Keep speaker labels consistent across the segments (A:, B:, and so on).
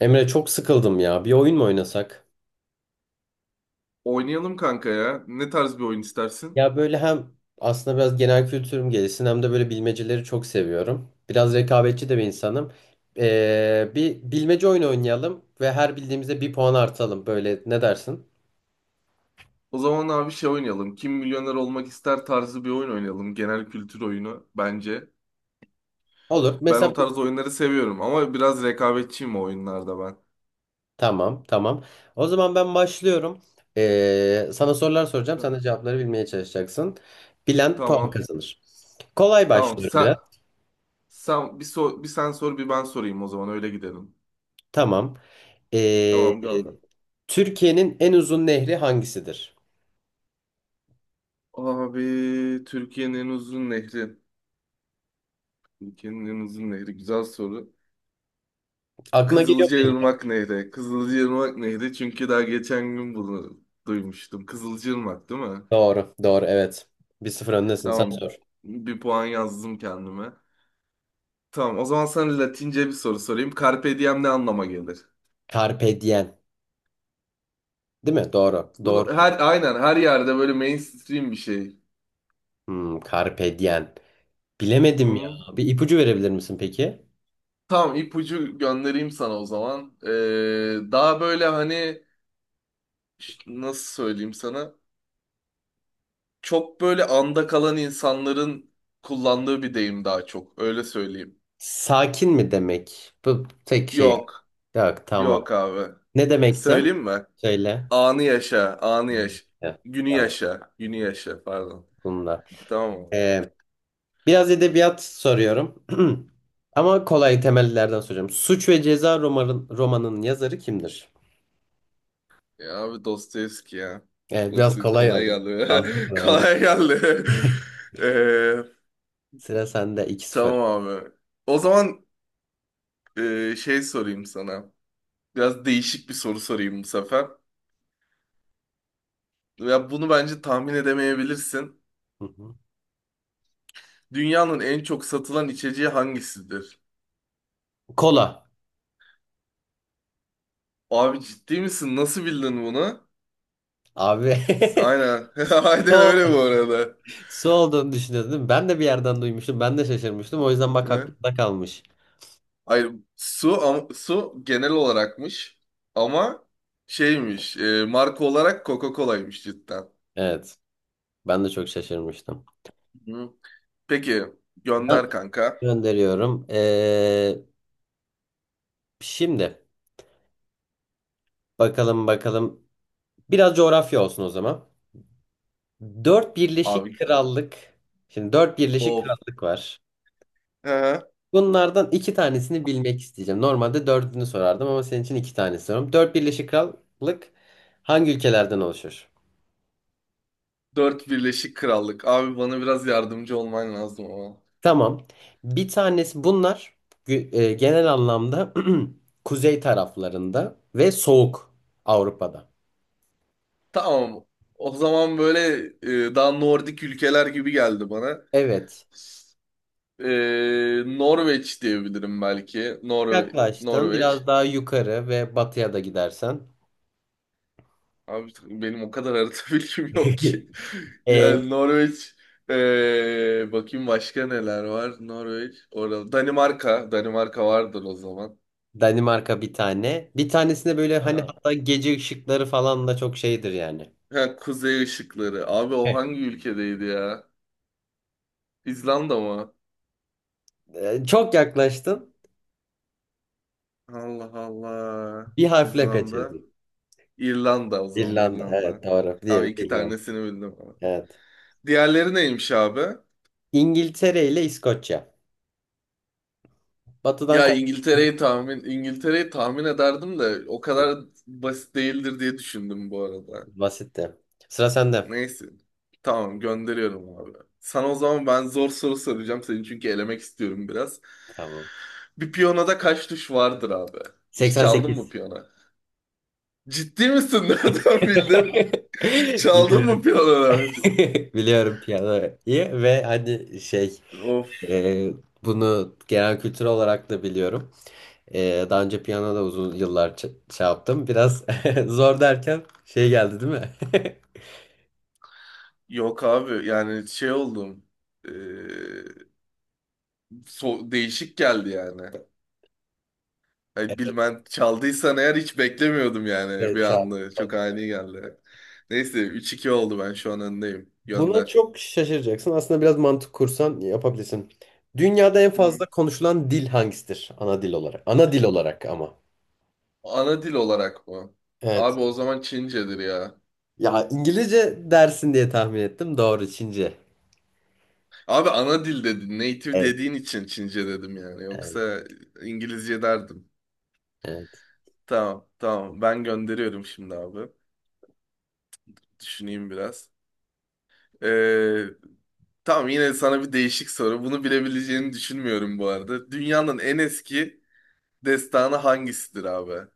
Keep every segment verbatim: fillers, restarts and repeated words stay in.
A: Emre, çok sıkıldım ya. Bir oyun mu oynasak?
B: Oynayalım kanka ya. Ne tarz bir oyun istersin?
A: Ya, böyle hem aslında biraz genel kültürüm gelişsin hem de böyle bilmeceleri çok seviyorum. Biraz rekabetçi de bir insanım. Ee, bir bilmece oyunu oynayalım ve her bildiğimizde bir puan artalım. Böyle ne dersin?
B: O zaman abi şey oynayalım. Kim milyoner olmak ister tarzı bir oyun oynayalım. Genel kültür oyunu bence.
A: Olur.
B: Ben
A: Mesela
B: o tarz oyunları seviyorum ama biraz rekabetçiyim o oyunlarda ben.
A: tamam, tamam. O zaman ben başlıyorum. Ee, sana sorular soracağım. Sen
B: Yani,
A: de cevapları bilmeye çalışacaksın. Bilen puan
B: tamam.
A: kazanır. Kolay
B: Tamam.
A: başlıyorum
B: Sen,
A: biraz.
B: sen bir, so- bir sen sor bir ben sorayım o zaman öyle gidelim.
A: Tamam. Ee,
B: Tamam, gönder.
A: Türkiye'nin en uzun nehri hangisidir?
B: Abi Türkiye'nin en uzun nehri. Türkiye'nin en uzun nehri. Güzel soru.
A: Aklına geliyor mu?
B: Kızılcaırmak Nehri. Kızılcaırmak Nehri çünkü daha geçen gün bunu duymuştum. Kızılcaırmak değil mi?
A: Doğru. Doğru. Evet. Bir sıfır öndesin. Sen
B: Tamam.
A: sor.
B: Bir puan yazdım kendime. Tamam, o zaman sana Latince bir soru sorayım. Carpe diem ne anlama gelir?
A: Carpe diem. Değil mi? Doğru.
B: Bunu
A: Doğru duydum.
B: her aynen her yerde böyle mainstream bir şey.
A: Hmm, carpe diem. Bilemedim ya.
B: Hı.
A: Bir ipucu verebilir misin peki?
B: Tamam, ipucu göndereyim sana o zaman. Ee, daha böyle hani ş- nasıl söyleyeyim sana? Çok böyle anda kalan insanların kullandığı bir deyim daha çok. Öyle söyleyeyim.
A: Sakin mi demek? Bu tek şey.
B: Yok.
A: Yok, tamam.
B: Yok abi.
A: Ne demekti?
B: Söyleyeyim mi?
A: Söyle.
B: Anı yaşa, anı yaşa.
A: Heh,
B: Günü
A: tamam.
B: yaşa, günü yaşa pardon.
A: Bununla.
B: Tamam abi.
A: Ee, Biraz edebiyat soruyorum. Ama kolay temellerden soracağım. Suç ve Ceza romanın, romanın yazarı kimdir?
B: Ya abi Dostoyevski ya.
A: Evet, biraz
B: Dostoy-
A: kolay
B: Kolay
A: aldım.
B: geldi.
A: Fazla kolay aldım.
B: Kolay geldi. Ee,
A: Sıra sende, iki sıfır.
B: tamam abi. O zaman e, şey sorayım sana. Biraz değişik bir soru sorayım bu sefer. Ya bunu bence tahmin edemeyebilirsin.
A: Hı hı.
B: Dünyanın en çok satılan içeceği hangisidir?
A: Kola.
B: Abi ciddi misin? Nasıl bildin bunu?
A: Abi.
B: Aynen. Aynen
A: Sol,
B: öyle bu arada.
A: Su olduğunu düşünüyordun değil mi? Ben de bir yerden duymuştum. Ben de şaşırmıştım. O yüzden bak,
B: Ne?
A: aklımda kalmış.
B: Hayır, su am- su genel olarakmış ama şeymiş, e, marka olarak Coca-Cola'ymış cidden.
A: Evet. Ben de çok şaşırmıştım.
B: Hı. Peki,
A: Ben
B: gönder kanka.
A: gönderiyorum. Ee, şimdi bakalım bakalım. Biraz coğrafya olsun o zaman. Dört Birleşik
B: Abi
A: Krallık. Şimdi dört Birleşik
B: of.
A: Krallık var.
B: He.
A: Bunlardan iki tanesini bilmek isteyeceğim. Normalde dördünü sorardım ama senin için iki tane soruyorum. Dört Birleşik Krallık hangi ülkelerden oluşur?
B: Dört Birleşik Krallık. Abi bana biraz yardımcı olman lazım ama.
A: Tamam. Bir tanesi, bunlar gü- e, genel anlamda kuzey taraflarında ve soğuk Avrupa'da.
B: Tamam. O zaman böyle, e, daha Nordik ülkeler gibi geldi bana.
A: Evet.
B: E, Norveç diyebilirim belki. Norve
A: Yaklaştın, biraz
B: Norveç.
A: daha yukarı ve batıya da gidersen.
B: Abi benim o kadar harita bilgim yok ki.
A: E,
B: Yani Norveç, eee, bakayım başka neler var. Norveç orada. Danimarka. Danimarka vardır o zaman.
A: Danimarka bir tane. Bir tanesinde böyle hani
B: Ha.
A: hatta gece ışıkları falan da çok şeydir yani.
B: Ha, Kuzey ışıkları. Abi o
A: Evet.
B: hangi ülkedeydi ya? İzlanda mı?
A: E, çok yaklaştın.
B: Allah Allah.
A: Bir harfle
B: İzlanda.
A: kaçırdın.
B: İrlanda, o zaman
A: İrlanda. Evet,
B: İrlanda.
A: doğru. Diğeri
B: Abi
A: de
B: iki
A: İrlanda.
B: tanesini bildim ama.
A: Evet.
B: Diğerleri neymiş abi?
A: İngiltere ile İskoçya. Batıdan
B: Ya
A: kaç?
B: İngiltere'yi tahmin İngiltere'yi tahmin ederdim de o kadar basit değildir diye düşündüm bu arada.
A: Basitti. Sıra sende.
B: Neyse. Tamam, gönderiyorum abi. Sana o zaman ben zor soru soracağım seni çünkü elemek istiyorum biraz.
A: Tamam.
B: Bir piyonada kaç tuş vardır abi? Hiç çaldın mı
A: seksen sekiz.
B: piyona? Ciddi misin? Nereden bildin? Çaldın mı
A: Biliyorum.
B: piyanoları?
A: Biliyorum piyanoyu ve hani şey,
B: Of.
A: e, bunu genel kültür olarak da biliyorum. E, daha önce piyano da uzun yıllar ç- şey yaptım. Biraz zor derken şey geldi değil mi?
B: Yok abi, yani şey oldum. Ee, so- Değişik geldi yani. Ay, bilmem çaldıysan eğer hiç beklemiyordum yani bir
A: Evet, çaldım,
B: anda. Çok
A: çaldım.
B: ani geldi. Neyse, üç iki oldu, ben şu an öndeyim.
A: Buna
B: Gönder.
A: çok şaşıracaksın. Aslında biraz mantık kursan yapabilirsin. Dünyada en
B: Hı.
A: fazla konuşulan dil hangisidir? Ana dil olarak. Ana dil olarak ama.
B: Ana dil olarak mı?
A: Evet.
B: Abi o zaman Çincedir ya.
A: Ya, İngilizce dersin diye tahmin ettim. Doğru, Çince.
B: Abi ana dil dedin. Native
A: Evet.
B: dediğin için Çince dedim yani.
A: Evet.
B: Yoksa İngilizce derdim.
A: Evet.
B: Tamam, tamam. Ben gönderiyorum şimdi abi. Düşüneyim biraz. Ee, tamam, yine sana bir değişik soru. Bunu bilebileceğini düşünmüyorum bu arada. Dünyanın en eski destanı hangisidir abi?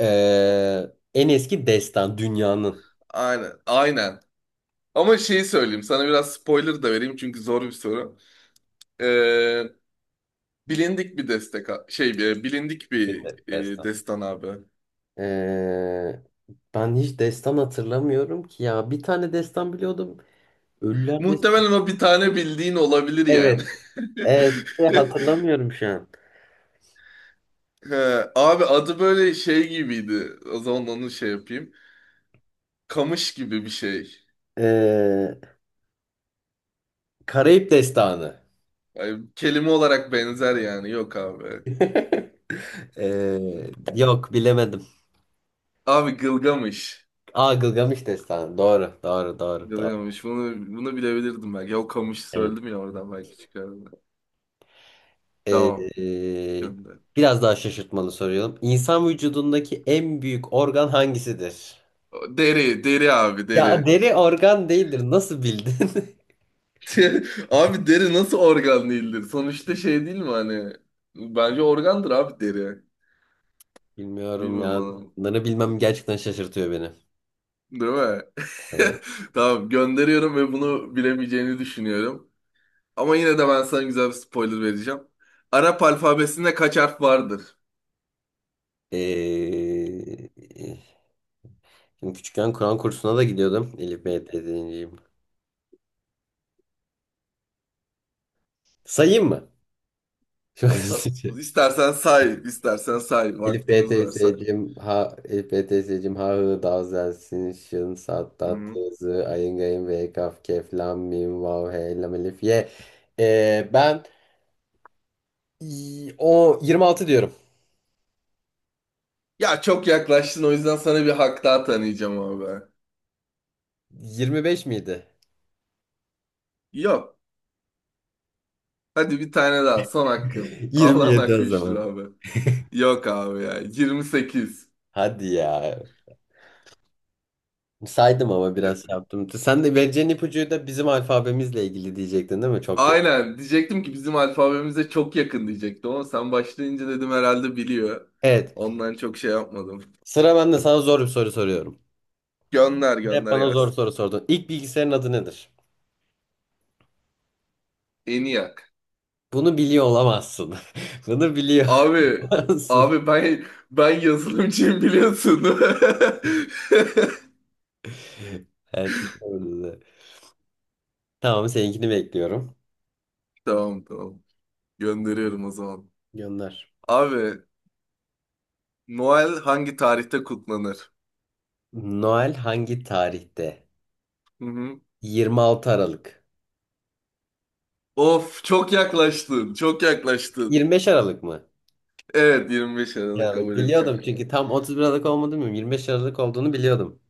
A: Ee, en eski destan dünyanın
B: Aynen. Aynen. Ama şeyi söyleyeyim. Sana biraz spoiler da vereyim çünkü zor bir soru. Ee, bilindik bir destek şey bir bilindik
A: bir
B: bir
A: de-
B: e,
A: destan.
B: destan abi.
A: Ee, Ben hiç destan hatırlamıyorum ki ya. Bir tane destan biliyordum. Ölüler destan.
B: Muhtemelen o bir tane bildiğin olabilir yani.
A: Evet. Evet. Hatırlamıyorum şu an.
B: He, abi adı böyle şey gibiydi. O zaman onu şey yapayım. Kamış gibi bir şey.
A: Ee, Karayip destanı.
B: Yani kelime olarak benzer yani. Yok abi.
A: Ee, yok, bilemedim.
B: Abi Gılgamış.
A: Aa, Gılgamış destanı. Doğru. Doğru. Doğru. Doğru.
B: Gılgamış. Bunu, bunu bilebilirdim belki. Ya o kamışı
A: Evet.
B: söyledim ya oradan belki çıkardım. Tamam.
A: Ee,
B: Gönder.
A: Biraz daha şaşırtmalı soruyorum. İnsan vücudundaki en büyük organ hangisidir?
B: Deri, deri abi,
A: Ya,
B: deri.
A: deri organ değildir. Nasıl bildin?
B: Abi deri nasıl organ değildir? Sonuçta şey değil mi hani? Bence organdır abi, deri.
A: Bilmiyorum
B: Bilmiyorum
A: ya.
B: bana.
A: Bunları bilmem gerçekten şaşırtıyor beni.
B: Değil mi?
A: Evet.
B: Tamam, gönderiyorum ve bunu bilemeyeceğini düşünüyorum. Ama yine de ben sana güzel bir spoiler vereceğim. Arap alfabesinde kaç harf vardır?
A: Ee, Şimdi küçükken Kur'an kursuna da gidiyordum. Elif Bey dediğim gibi. Sayayım mı? Çok
B: Sa-
A: hızlıca.
B: İstersen say, istersen say.
A: Elif B
B: Vaktimiz var, say.
A: teyzeciğim, ha, Elif B teyzeciğim, ha hı davzelsin şın sat
B: Hı
A: tat
B: hı.
A: tızı ayın gayın ve kaf kef lam mim vav hey lam elif ye. Ee, ben y- o yirmi altı diyorum.
B: Ya çok yaklaştın, o yüzden sana bir hak daha tanıyacağım abi.
A: yirmi beş miydi?
B: Yok. Hadi bir tane daha. Son hakkın. Allah'ın
A: yirmi yedi
B: hakkı
A: o
B: üçtür
A: zaman?
B: abi. Yok abi ya. yirmi sekiz.
A: Hadi ya, saydım ama
B: Ya,
A: biraz şey yaptım. Sen de vereceğin ipucuyu da bizim alfabemizle ilgili diyecektin değil mi? Çok yakın.
B: aynen. Diyecektim ki bizim alfabemize çok yakın diyecektim ama sen başlayınca dedim herhalde biliyor.
A: Evet,
B: Ondan çok şey yapmadım.
A: sıra bende. Sana zor bir soru soruyorum,
B: Gönder,
A: hep
B: gönder
A: bana zor
B: gelsin.
A: soru sordun. İlk bilgisayarın adı nedir?
B: ENİAK.
A: Bunu biliyor olamazsın. Bunu biliyor
B: Abi
A: olamazsın.
B: abi, ben ben yazılımcıyım biliyorsun.
A: Evet, doğru. Tamam, seninkini bekliyorum.
B: Tamam, tamam. Gönderiyorum o zaman.
A: Gönder.
B: Abi Noel hangi tarihte kutlanır?
A: Noel hangi tarihte?
B: Hı hı.
A: yirmi altı Aralık.
B: Of, çok yaklaştın. Çok yaklaştın.
A: yirmi beş Aralık mı?
B: Evet, 25 Aralık
A: Aralık.
B: kabul edeceğim
A: Biliyordum
B: bunu.
A: çünkü tam otuz bir Aralık olmadığını bilmiyorum. yirmi beş Aralık olduğunu biliyordum.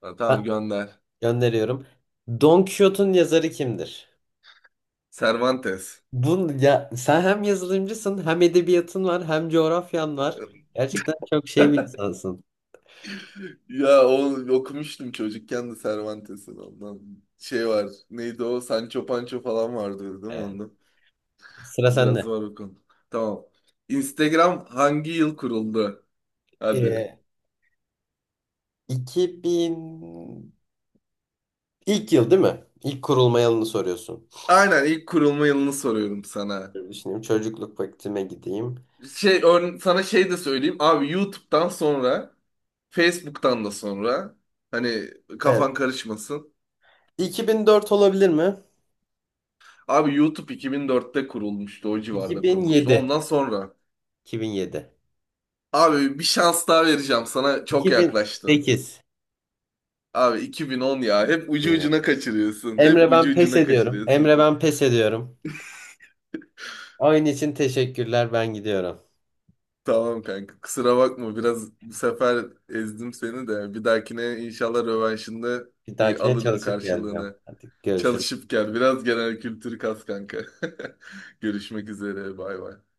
B: Ha, tamam,
A: Ha,
B: gönder.
A: gönderiyorum. Don Quixote'un yazarı kimdir?
B: Cervantes.
A: Bunu ya, sen hem yazılımcısın hem edebiyatın var hem coğrafyan var. Gerçekten çok şey bir insansın.
B: Ya, o okumuştum çocukken de Cervantes'in ondan. Şey var. Neydi o? Sancho Pancho falan vardı değil mi
A: Evet.
B: onda?
A: Sıra
B: Biraz
A: sende.
B: var o konu. Tamam. Instagram hangi yıl kuruldu? Hadi.
A: Ee, iki bin ilk yıl değil mi? İlk kurulma yılını soruyorsun.
B: Aynen, ilk kurulma yılını soruyorum sana.
A: Dur, düşüneyim, çocukluk vaktime gideyim.
B: Şey, ör- sana şey de söyleyeyim. Abi YouTube'dan sonra, Facebook'tan da sonra, hani
A: Evet.
B: kafan karışmasın.
A: iki bin dört olabilir mi?
B: Abi YouTube iki bin dörtte kurulmuştu. O civarda kurulmuştu.
A: iki bin yedi.
B: Ondan sonra,
A: iki bin yedi.
B: abi bir şans daha vereceğim sana. Çok yaklaştın.
A: iki bin sekiz
B: Abi iki bin on ya. Hep ucu
A: diyorum.
B: ucuna kaçırıyorsun. Hep
A: Emre,
B: ucu
A: ben pes
B: ucuna
A: ediyorum.
B: kaçırıyorsun.
A: Emre, ben pes ediyorum. Oyun için teşekkürler. Ben gidiyorum.
B: Tamam kanka. Kusura bakma. Biraz bu sefer ezdim seni de. Bir dahakine inşallah rövanşında
A: Bir
B: bir
A: dahakine
B: alırım
A: çalışıp geleceğim.
B: karşılığını.
A: Hadi, görüşürüz.
B: Çalışıp gel. Biraz genel kültür kas kanka. Görüşmek üzere. Bay bay.